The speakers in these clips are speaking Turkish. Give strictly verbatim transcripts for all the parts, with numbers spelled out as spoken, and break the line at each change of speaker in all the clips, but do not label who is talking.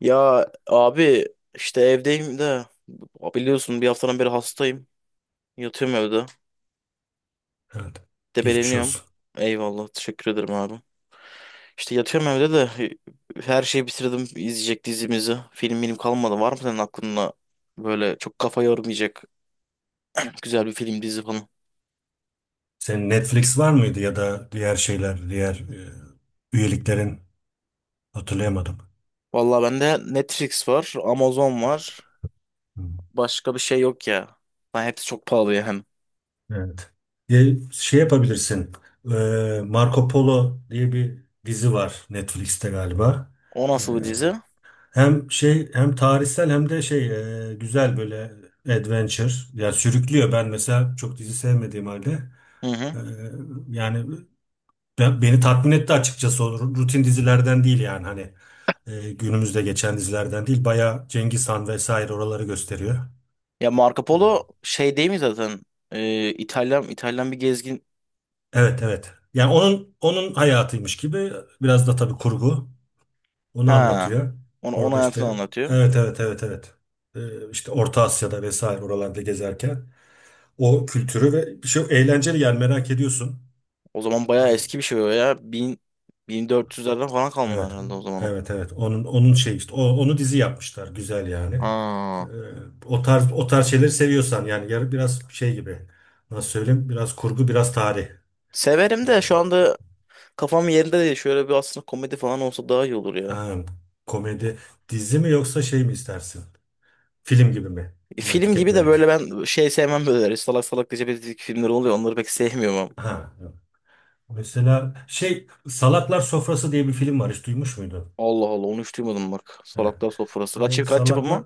Ya abi, işte evdeyim de biliyorsun, bir haftadan beri hastayım. Yatıyorum evde.
Evet. Geçmiş
Debeleniyorum.
olsun.
Eyvallah, teşekkür ederim abi. İşte yatıyorum evde de her şeyi bitirdim izleyecek dizimizi. Film benim kalmadı. Var mı senin aklında böyle çok kafa yormayacak güzel bir film, dizi falan?
Senin Netflix var mıydı ya da diğer şeyler, diğer e, üyeliklerin hatırlayamadım.
Vallahi bende Netflix var, Amazon var.
Hı.
Başka bir şey yok ya. Ben, hepsi çok pahalı yani.
Evet. E, şey yapabilirsin. E, Marco Polo diye bir dizi var Netflix'te galiba.
O
E,
nasıl bir dizi?
hem şey hem tarihsel hem de şey e, güzel böyle adventure. Yani sürüklüyor. Ben mesela çok dizi sevmediğim halde.
Hı hı.
e, yani Ben- beni tatmin etti açıkçası o rutin dizilerden değil yani hani e, günümüzde geçen dizilerden değil bayağı Cengiz Han vesaire oraları gösteriyor.
Ya Marco
E,
Polo şey değil mi zaten? Ee, İtalyan İtalyan bir gezgin.
evet evet. Yani onun onun hayatıymış gibi biraz da tabii kurgu onu
Ha.
anlatıyor.
Onu onun
Orada
hayatını
işte
anlatıyor.
evet evet evet evet. E, işte Orta Asya'da vesaire oralarda gezerken o kültürü ve bir şey eğlenceli yani merak ediyorsun.
O zaman bayağı
E,
eski bir şey o ya. bin, bin dört yüzlerden falan kalma
Evet,
herhalde o zaman o.
evet, evet. Onun onun şey işte, o, onu dizi yapmışlar, güzel yani. Ee,
Ha.
o tarz o tarz şeyleri seviyorsan yani yarı biraz şey gibi. Nasıl söyleyeyim? Biraz kurgu, biraz tarih.
Severim
Ee,
de şu anda kafam yerinde değil. Şöyle bir, aslında komedi falan olsa daha iyi olur ya.
ha, komedi dizi mi yoksa şey mi istersin? Film gibi mi?
E,
Hemen
film gibi de
tüketmelik.
böyle, ben şey sevmem böyle. Hani salak salak gece filmler oluyor. Onları pek sevmiyorum ama.
Ha. Evet. Mesela şey Salaklar Sofrası diye bir film var. Hiç duymuş muydun?
Allah Allah, onu hiç duymadım bak.
Ha.
Salaklar Sofrası. Kaç,
Ee,
kaç
Salaklar
yapımı?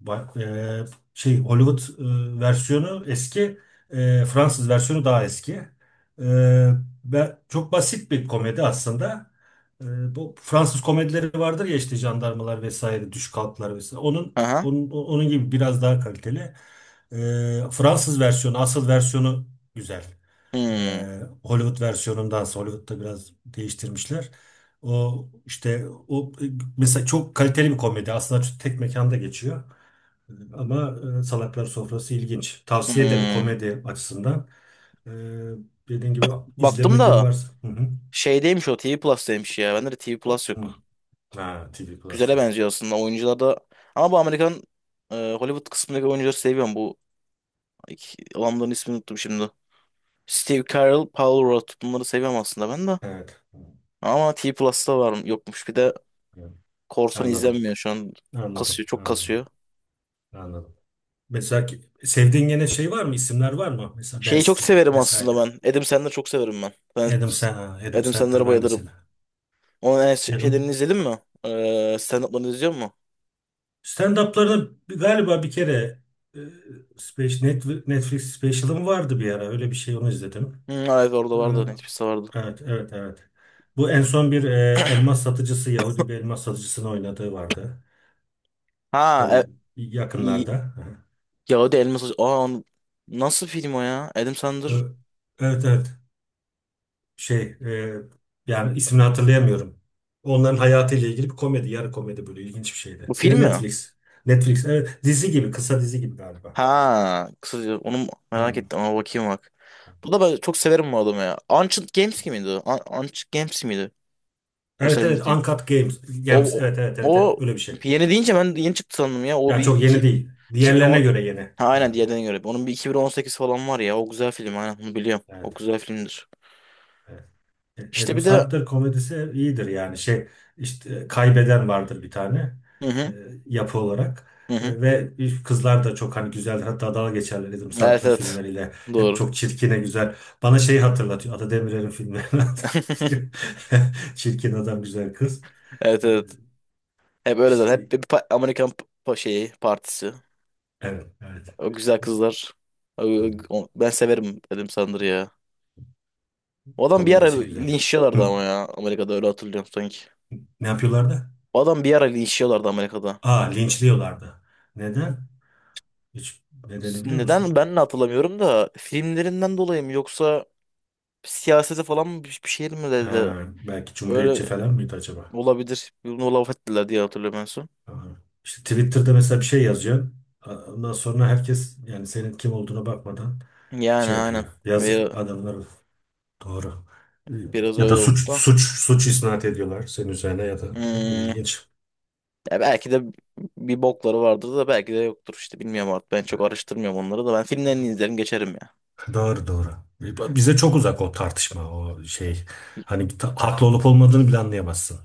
Ba- e, şey Hollywood e, versiyonu eski, e, Fransız versiyonu daha eski. E, ve çok basit bir komedi aslında. E, bu Fransız komedileri vardır ya işte jandarmalar vesaire, düş kalklar vesaire. Onun
Aha.
onun, onun gibi biraz daha kaliteli. E, Fransız versiyonu, asıl versiyonu güzel. E,
Hmm.
Hollywood versiyonundansa Hollywood'da biraz değiştirmişler. O işte o e, mesela çok kaliteli bir komedi. Aslında tek mekanda geçiyor. Ama e, Salaklar Sofrası ilginç. Tavsiye ederim
Hmm.
komedi açısından. E, dediğin gibi
Baktım
izlemediğin
da
varsa. Hı hı.
şeydeymiş o, T V Plus'taymış ya. Bende de T V Plus
Hı.
yok.
Ha, T V Plus
Güzele
yok.
benziyor aslında. Oyuncular da, ama bu Amerikan, e, Hollywood kısmındaki oyuncuları seviyorum. Bu iki, adamların ismini unuttum şimdi. Steve Carell, Paul Rudd, bunları seviyorum aslında ben de.
Evet. Hı,
Ama T Plus'ta var yokmuş. Bir de
hı.
korsan
Anladım.
izlenmiyor şu an. Kasıyor,
Anladım.
çok
Anladım.
kasıyor.
Anladım. Mesela ki- sevdiğin gene şey var mı? İsimler var mı? Mesela Ben
Şeyi çok
Stiller
severim aslında
vesaire.
ben. Adam Sandler'ı çok severim ben. Ben
Adam, Sen ha, Adam
Adam
Sandler
Sandler'a
ben de
bayılırım.
seni.
Onun en s-
Adam
şeylerini izledin mi? Ee, stand-up'larını izliyor musun?
stand-up'larını bir- galiba bir kere e, Space- Netflix Netflix special'ım vardı bir ara. Öyle bir şey onu izledim.
Hı, evet, orada
E,
vardı. Netflix'te vardı.
Evet, evet, evet. Bu en son bir e, elmas satıcısı, Yahudi bir elmas satıcısını oynadığı vardı.
Ha,
Tabii
e,
yakınlarda. Aha.
ya o da elmas. Aa, onu- nasıl film o ya? Adam Sandler.
Ö- Evet, evet. Şey, e, yani ismini hatırlayamıyorum. Onların hayatıyla ilgili bir komedi, yarı komedi böyle ilginç bir şeydi.
Bu film
Yine
mi?
Netflix. Netflix, evet. Dizi gibi, kısa dizi gibi galiba.
Ha, kısaca onu merak
Hmm.
ettim ama bakayım bak. Bu da, ben çok severim bu adamı ya. Ancient Games gibi miydi o? Un- Ancient Games miydi? O
Evet,
senin
evet.
dediğin.
Uncut Games. Games.
O,
Evet, evet,
o,
evet, evet.
o
Öyle bir şey.
yeni deyince ben yeni çıktı sandım ya. O
Yani
bir
çok yeni
iki,
değil.
2010...
Diğerlerine göre yeni.
Ha,
Evet,
aynen, diğerden göre. Onun bir iki bin on sekiz falan var ya. O güzel film, aynen bunu biliyorum. O
evet.
güzel filmdir.
Evet.
İşte
Adam
bir de,
Sandler komedisi iyidir yani şey işte kaybeden vardır bir tane
hı
e,
hı,
yapı olarak.
hı hı.
E, ve kızlar da çok hani güzeldir, hatta dalga geçerler Adam
Evet
Sandler
evet.
filmleriyle, hep
Doğru.
çok çirkine güzel. Bana şeyi hatırlatıyor, Ata Demirer'in filmlerini hatırlatıyor. Çirkin adam güzel kız.
Evet
E,
evet. Hep öyle
işte
zaten. Hep bir pa- Amerikan pa- şeyi, partisi.
evet evet
O güzel kızlar. O- o- Ben severim Adam Sandler ya. O adam bir ara
komedisi güzel.
linçliyorlardı
Hı.
ama ya. Amerika'da, öyle hatırlıyorum sanki.
Ne yapıyorlardı?
O adam bir ara linçliyorlardı Amerika'da.
Aa linçliyorlardı neden? Hiç nedeni biliyor
Neden,
musun?
ben de hatırlamıyorum da, filmlerinden dolayı mı yoksa siyasete falan mı, bir bir şey mi dedi.
Ha, belki Cumhuriyetçi
Öyle
falan mıydı acaba?
olabilir. Bunu laf ettiler diye hatırlıyorum en son.
Ha. İşte Twitter'da mesela bir şey yazıyorsun. A- Ondan sonra herkes yani senin kim olduğuna bakmadan
Yani
şey
aynen.
yapıyor.
Ve-
Yazık adamlar doğru.
biraz
Ya
öyle
da suç
oldu da.
suç suç isnat ediyorlar senin üzerine ya da ne bileyim
Hmm.
ilginç.
Ya belki de bir bokları vardır da, belki de yoktur işte, bilmiyorum artık. Ben çok araştırmıyorum onları da. Ben filmlerini izlerim, geçerim ya.
Doğru doğru. Bize çok uzak o tartışma o şey. Hani ta- haklı olup olmadığını bile anlayamazsın.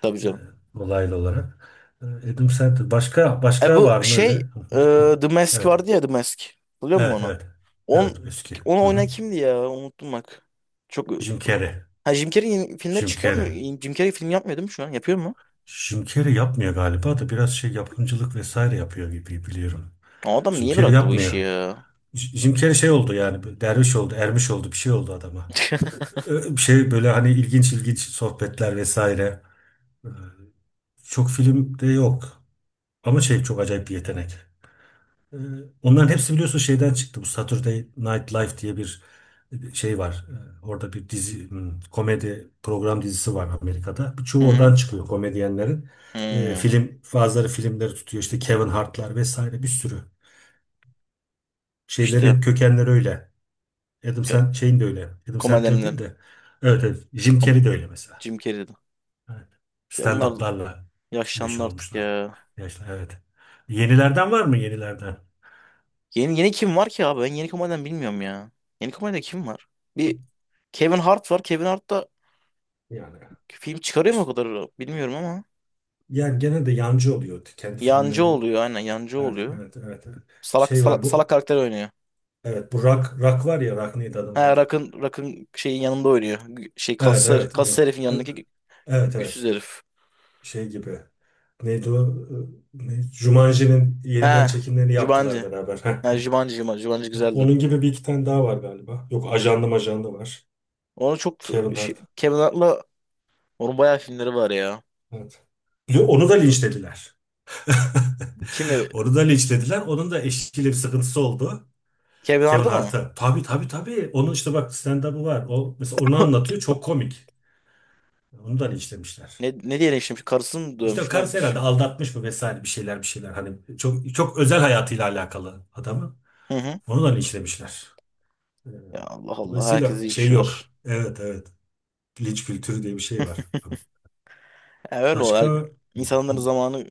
Tabii
e,
canım.
olaylı olarak. E, Adam Sandler. Başka
E
başka
bu
var mı
şey,
öyle?
e, The Mask
Evet.
vardı ya, The Mask. Biliyor musun
Evet
onu?
evet.
On,
Evet eski.
onu
Hı hı.
oynayan kimdi ya? Unuttum bak. Çok
Jim Carrey.
ha, Jim Carrey yeni filmler
Jim
çıkıyor mu?
Carrey.
Jim Carrey film yapmıyor değil mi şu an? Yapıyor mu?
Jim Carrey yapmıyor galiba da biraz şey yapımcılık vesaire yapıyor gibi biliyorum.
O adam
Jim
niye
Carrey
bıraktı bu işi
yapmıyor.
ya?
J- Jim Carrey şey oldu yani bir derviş oldu, ermiş oldu bir şey oldu adama. Ö- Bir şey böyle hani ilginç ilginç sohbetler vesaire. Ee, Çok filmde yok. Ama şey çok acayip bir yetenek. Ee, Onların hepsi biliyorsun şeyden çıktı. Bu Saturday Night Live diye bir şey var. Ee, Orada bir dizi, hmm, komedi program dizisi var Amerika'da.
Hı
Birçoğu
hı.
oradan çıkıyor komedyenlerin. Ee,
Hmm.
film, bazıları filmleri tutuyor. İşte Kevin Hart'lar vesaire bir sürü. Şeyleri
İşte,
hep kökenleri öyle. Adam
e,
sen şeyin de öyle. Adam Sandler değil
komedyenlerin.
de. Evet, evet. Jim
Kom
Carrey de öyle mesela.
Jim Carrey'di.
Evet.
Ya bunlar
Stand-up'larla
yaşlandı
meşhur
artık
olmuşlar.
ya.
Yaşlı, evet. Yenilerden var mı yenilerden?
Yeni yeni kim var ki abi? Ben yeni komedyen bilmiyorum ya. Yeni komedyen kim var? Bir Kevin Hart var. Kevin Hart da
Yani
film çıkarıyor mu o kadar bilmiyorum ama.
Yani gene de yancı oluyor kendi
Yancı
filmleri.
oluyor, aynen yancı
Evet,
oluyor.
evet, evet, evet.
Salak
Şey var
salak, salak
bu.
karakter oynuyor.
Evet, bu rak rak var ya rak neydi adamın
Ha,
adı?
Rock'ın Rock'ın şeyin yanında oynuyor. Gü- Şey
Evet,
kaslı,
evet,
kaslı
onu.
herifin
Evet,
yanındaki gü-
evet.
güçsüz
Evet.
herif.
Şey gibi. Neydi o? Ee, ne? Jumanji'nin yeniden
Ha,
çekimlerini
Jumanji.
yaptılar beraber.
Ha, Jumanji Jumanji, Jumanji güzeldi.
Onun gibi bir iki tane daha var galiba. Yok, ajanda majanda var.
Onu çok
Kevin
şey,
Hart.
Kevin Hart'la onun bayağı filmleri var ya.
Evet. Yo, onu da linçlediler.
Kimi?
Onu da linçlediler. Onun da eşiyle bir sıkıntısı oldu.
Kevin
Kevin
Hart'ı mı?
Hart'a. Tabii tabii tabii. Onun işte bak stand-up'ı var. O mesela onu anlatıyor. Çok komik. Onu da işlemişler.
Ne, ne diye şimdi karısını mı
İşte
dövmüş, ne
karısı
yapmış?
herhalde aldatmış mı vesaire bir şeyler bir şeyler. Hani çok çok özel hayatıyla alakalı adamı.
Hı hı.
Onu da işlemişler. Ee,
Ya Allah Allah,
Dolayısıyla
herkese iş
şey
var.
yok. Evet evet. Linç kültürü diye bir şey var.
Ya öyle o.
Başka.
her-
Hı, hı.
İnsanların zamanı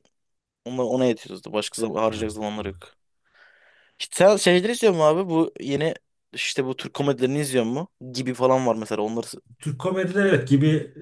ona, ona yetiyordu. Başka zaman harcayacak
Evet.
zamanları
Evet.
yok. İşte sen şeyleri izliyor musun abi? Bu yeni, işte bu Türk komedilerini izliyor mu? Gibi falan var mesela. Onları.
Türk komedileri evet gibi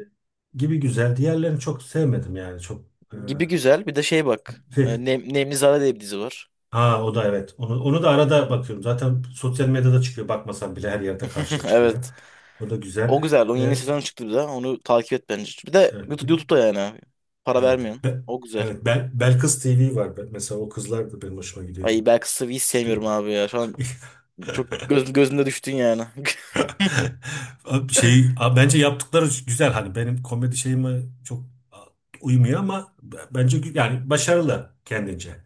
gibi güzel. Diğerlerini çok sevmedim yani. Çok.
Gibi güzel. Bir de şey bak.
e,
e, Nem, Nemlizade diye bir dizi var.
Ha o da evet. Onu, onu da arada bakıyorum. Zaten sosyal medyada çıkıyor. Bakmasam bile her yerde karşıda çıkıyor.
Evet.
O da güzel.
O güzel. Onun yeni
Ee,
sezonu çıktı bir de. Onu takip et bence. Bir de
evet.
YouTube,
bir-
YouTube'da yani abi. Para
evet.
vermiyorsun.
Be-
O güzel.
evet. Bel, Belkıs T V var. Ben- Mesela o kızlar da benim hoşuma gidiyor.
Ay, belki Sıvı'yı hiç
Hiç duydum.
sevmiyorum abi ya. Şu an çok göz, gözümde düştün yani.
Abi Şey, abi bence yaptıkları güzel hani benim komedi şeyime çok uymuyor ama b- bence gü- yani başarılı kendince.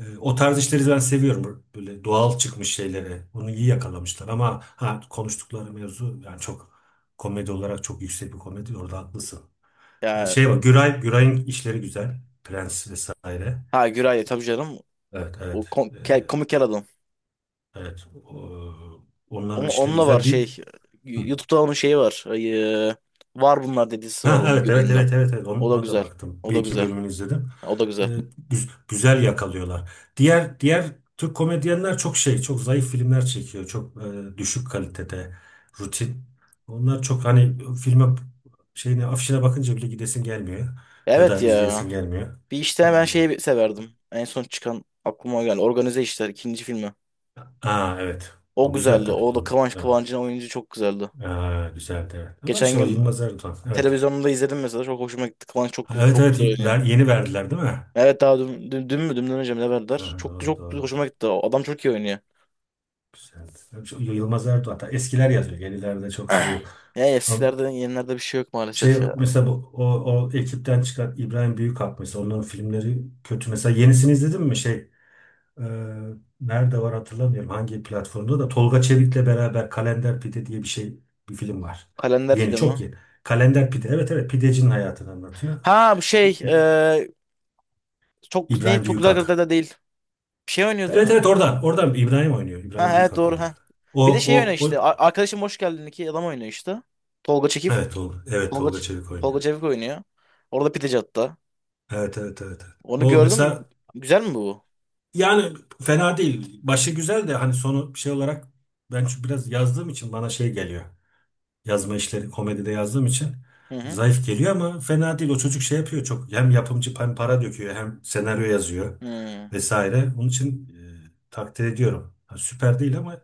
Ee, O tarz işleri ben seviyorum. Böyle doğal çıkmış şeyleri. Bunu iyi yakalamışlar ama ha konuştukları mevzu yani çok komedi olarak çok yüksek bir komedi. Orada haklısın. Ee,
Ya
Şey var Güray, Güray'ın işleri güzel. Prens vesaire.
ha, Güray tabii canım.
Evet
O
evet.
kom-
Ee,
ke- komik kel adam.
Evet. O- Onların
Onun,
işleri
onunla var
güzel değil.
şey. YouTube'da onun şeyi var. Ay, e, var bunlar dedisi var
Ha,
onun
evet evet
yüreğinde.
evet evet evet Onu-
O da
ona, da
güzel.
baktım.
O
Bir
da
iki
güzel.
bölümünü izledim.
O da
Ee,
güzel.
güz- güzel yakalıyorlar. Diğer diğer Türk komedyenler çok şey, çok zayıf filmler çekiyor. Çok e, düşük kalitede, rutin. Onlar çok hani filme şeyine afişine bakınca bile gidesin gelmiyor ya
Evet
da
ya.
izleyesin gelmiyor.
Bir, işte
Ee,
ben şeyi severdim. En son çıkan aklıma geldi. Organize İşler ikinci filmi.
aa evet.
O
O güzel
güzeldi.
tabii
O
ki.
da Kıvanç,
Evet.
Kıvancı'nın, oyuncu çok güzeldi.
Aa, güzeldi evet. Ama
Geçen
işte o
gün
Yılmaz Erdoğan. Evet.
televizyonda izledim mesela. Çok hoşuma gitti. Kıvanç çok
Ha,
güzel,
evet
çok
evet
güzel oynuyor.
ver, yeni verdiler değil mi?
Evet, daha dün, dün, dün mü? Dünden önce mi ne verdiler?
Ha,
Çok
doğru
çok
doğru.
hoşuma gitti. O adam çok iyi oynuyor.
Güzeldi. Çok- Yılmaz Erdoğan. Hatta eskiler yazıyor. Yenilerde çok şey yok.
Ya
Ama
eskilerden, yenilerde bir şey yok
şey
maalesef ya.
mesela bu- o, o ekipten çıkan İbrahim Büyükak mesela onların filmleri kötü. Mesela yenisini izledin mi? Şey e, nerede var hatırlamıyorum. Hangi platformda da Tolga Çevik'le beraber Kalender Pide diye bir şey bir film var.
Kalender
Yeni
pide mi?
çok yeni. Kalender Pide. Evet evet pidecinin hayatını anlatıyor.
Ha bu şey, e, çok ne
İbrahim
çok güzel kırdı
Büyükak.
da değil. Bir şey
Evet
oynuyordu.
evet oradan. Oradan İbrahim oynuyor. İbrahim
Ha evet,
Büyükak
doğru
oynuyor.
ha.
O
Bir de şey oynuyor
o
işte.
o
A- Arkadaşım Hoş Geldin, iki adam oynuyor işte. Tolga Çekif.
evet Tolga, evet
Tolga,
Tolga
Ç-
Çevik oynuyor.
Tolga Çevik oynuyor. Orada pideci hatta.
Evet evet evet. Evet.
Onu
O
gördüm.
mesela
Güzel mi bu?
yani fena değil. Başı güzel de hani sonu şey olarak ben çünkü biraz yazdığım için bana şey geliyor. Yazma işleri komedide yazdığım için
Hı hı.
zayıf geliyor ama fena değil. O çocuk şey yapıyor çok. Hem yapımcı hem para döküyor hem senaryo yazıyor
Hı
vesaire. Onun için e, takdir ediyorum. Ha, süper değil ama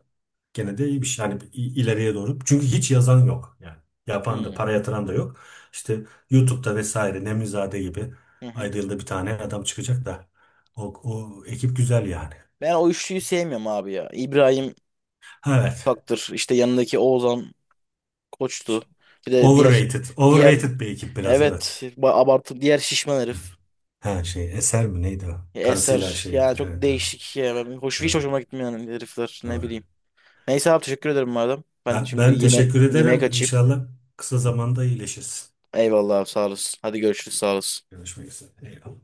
gene de iyi bir şey. Yani i- ileriye doğru. Çünkü hiç yazan yok. Yani yapan da
hı.
para yatıran da yok. İşte YouTube'da vesaire Nemizade gibi
Hı hı.
ayda yılda bir tane adam çıkacak da o, o ekip güzel yani.
Ben o üçlüyü sevmiyorum abi ya. İbrahim
Ha, evet.
Taktır. İşte yanındaki Oğuzhan Koç'tu. Bir de diğer,
Overrated.
diğer...
Overrated bir ekip biraz evet.
Evet, ba- abartı diğer şişman herif.
Ha şey Eser mi neydi o? Karısıyla
Eser
şey
yani
yapıyor.
çok
Evet evet.
değişik ya. Ben- Hoş, hiç
Doğru.
hoşuma gitmiyor yani herifler, ne
Doğru.
bileyim. Neyse abi, teşekkür ederim madem. Ben
Ben,
şimdi
ben
yeme
teşekkür
yemeğe
ederim.
kaçayım.
İnşallah kısa zamanda iyileşirsin.
Eyvallah abi, sağ olasın. Hadi görüşürüz, sağ olasın.
Görüşmek üzere. Eyvallah.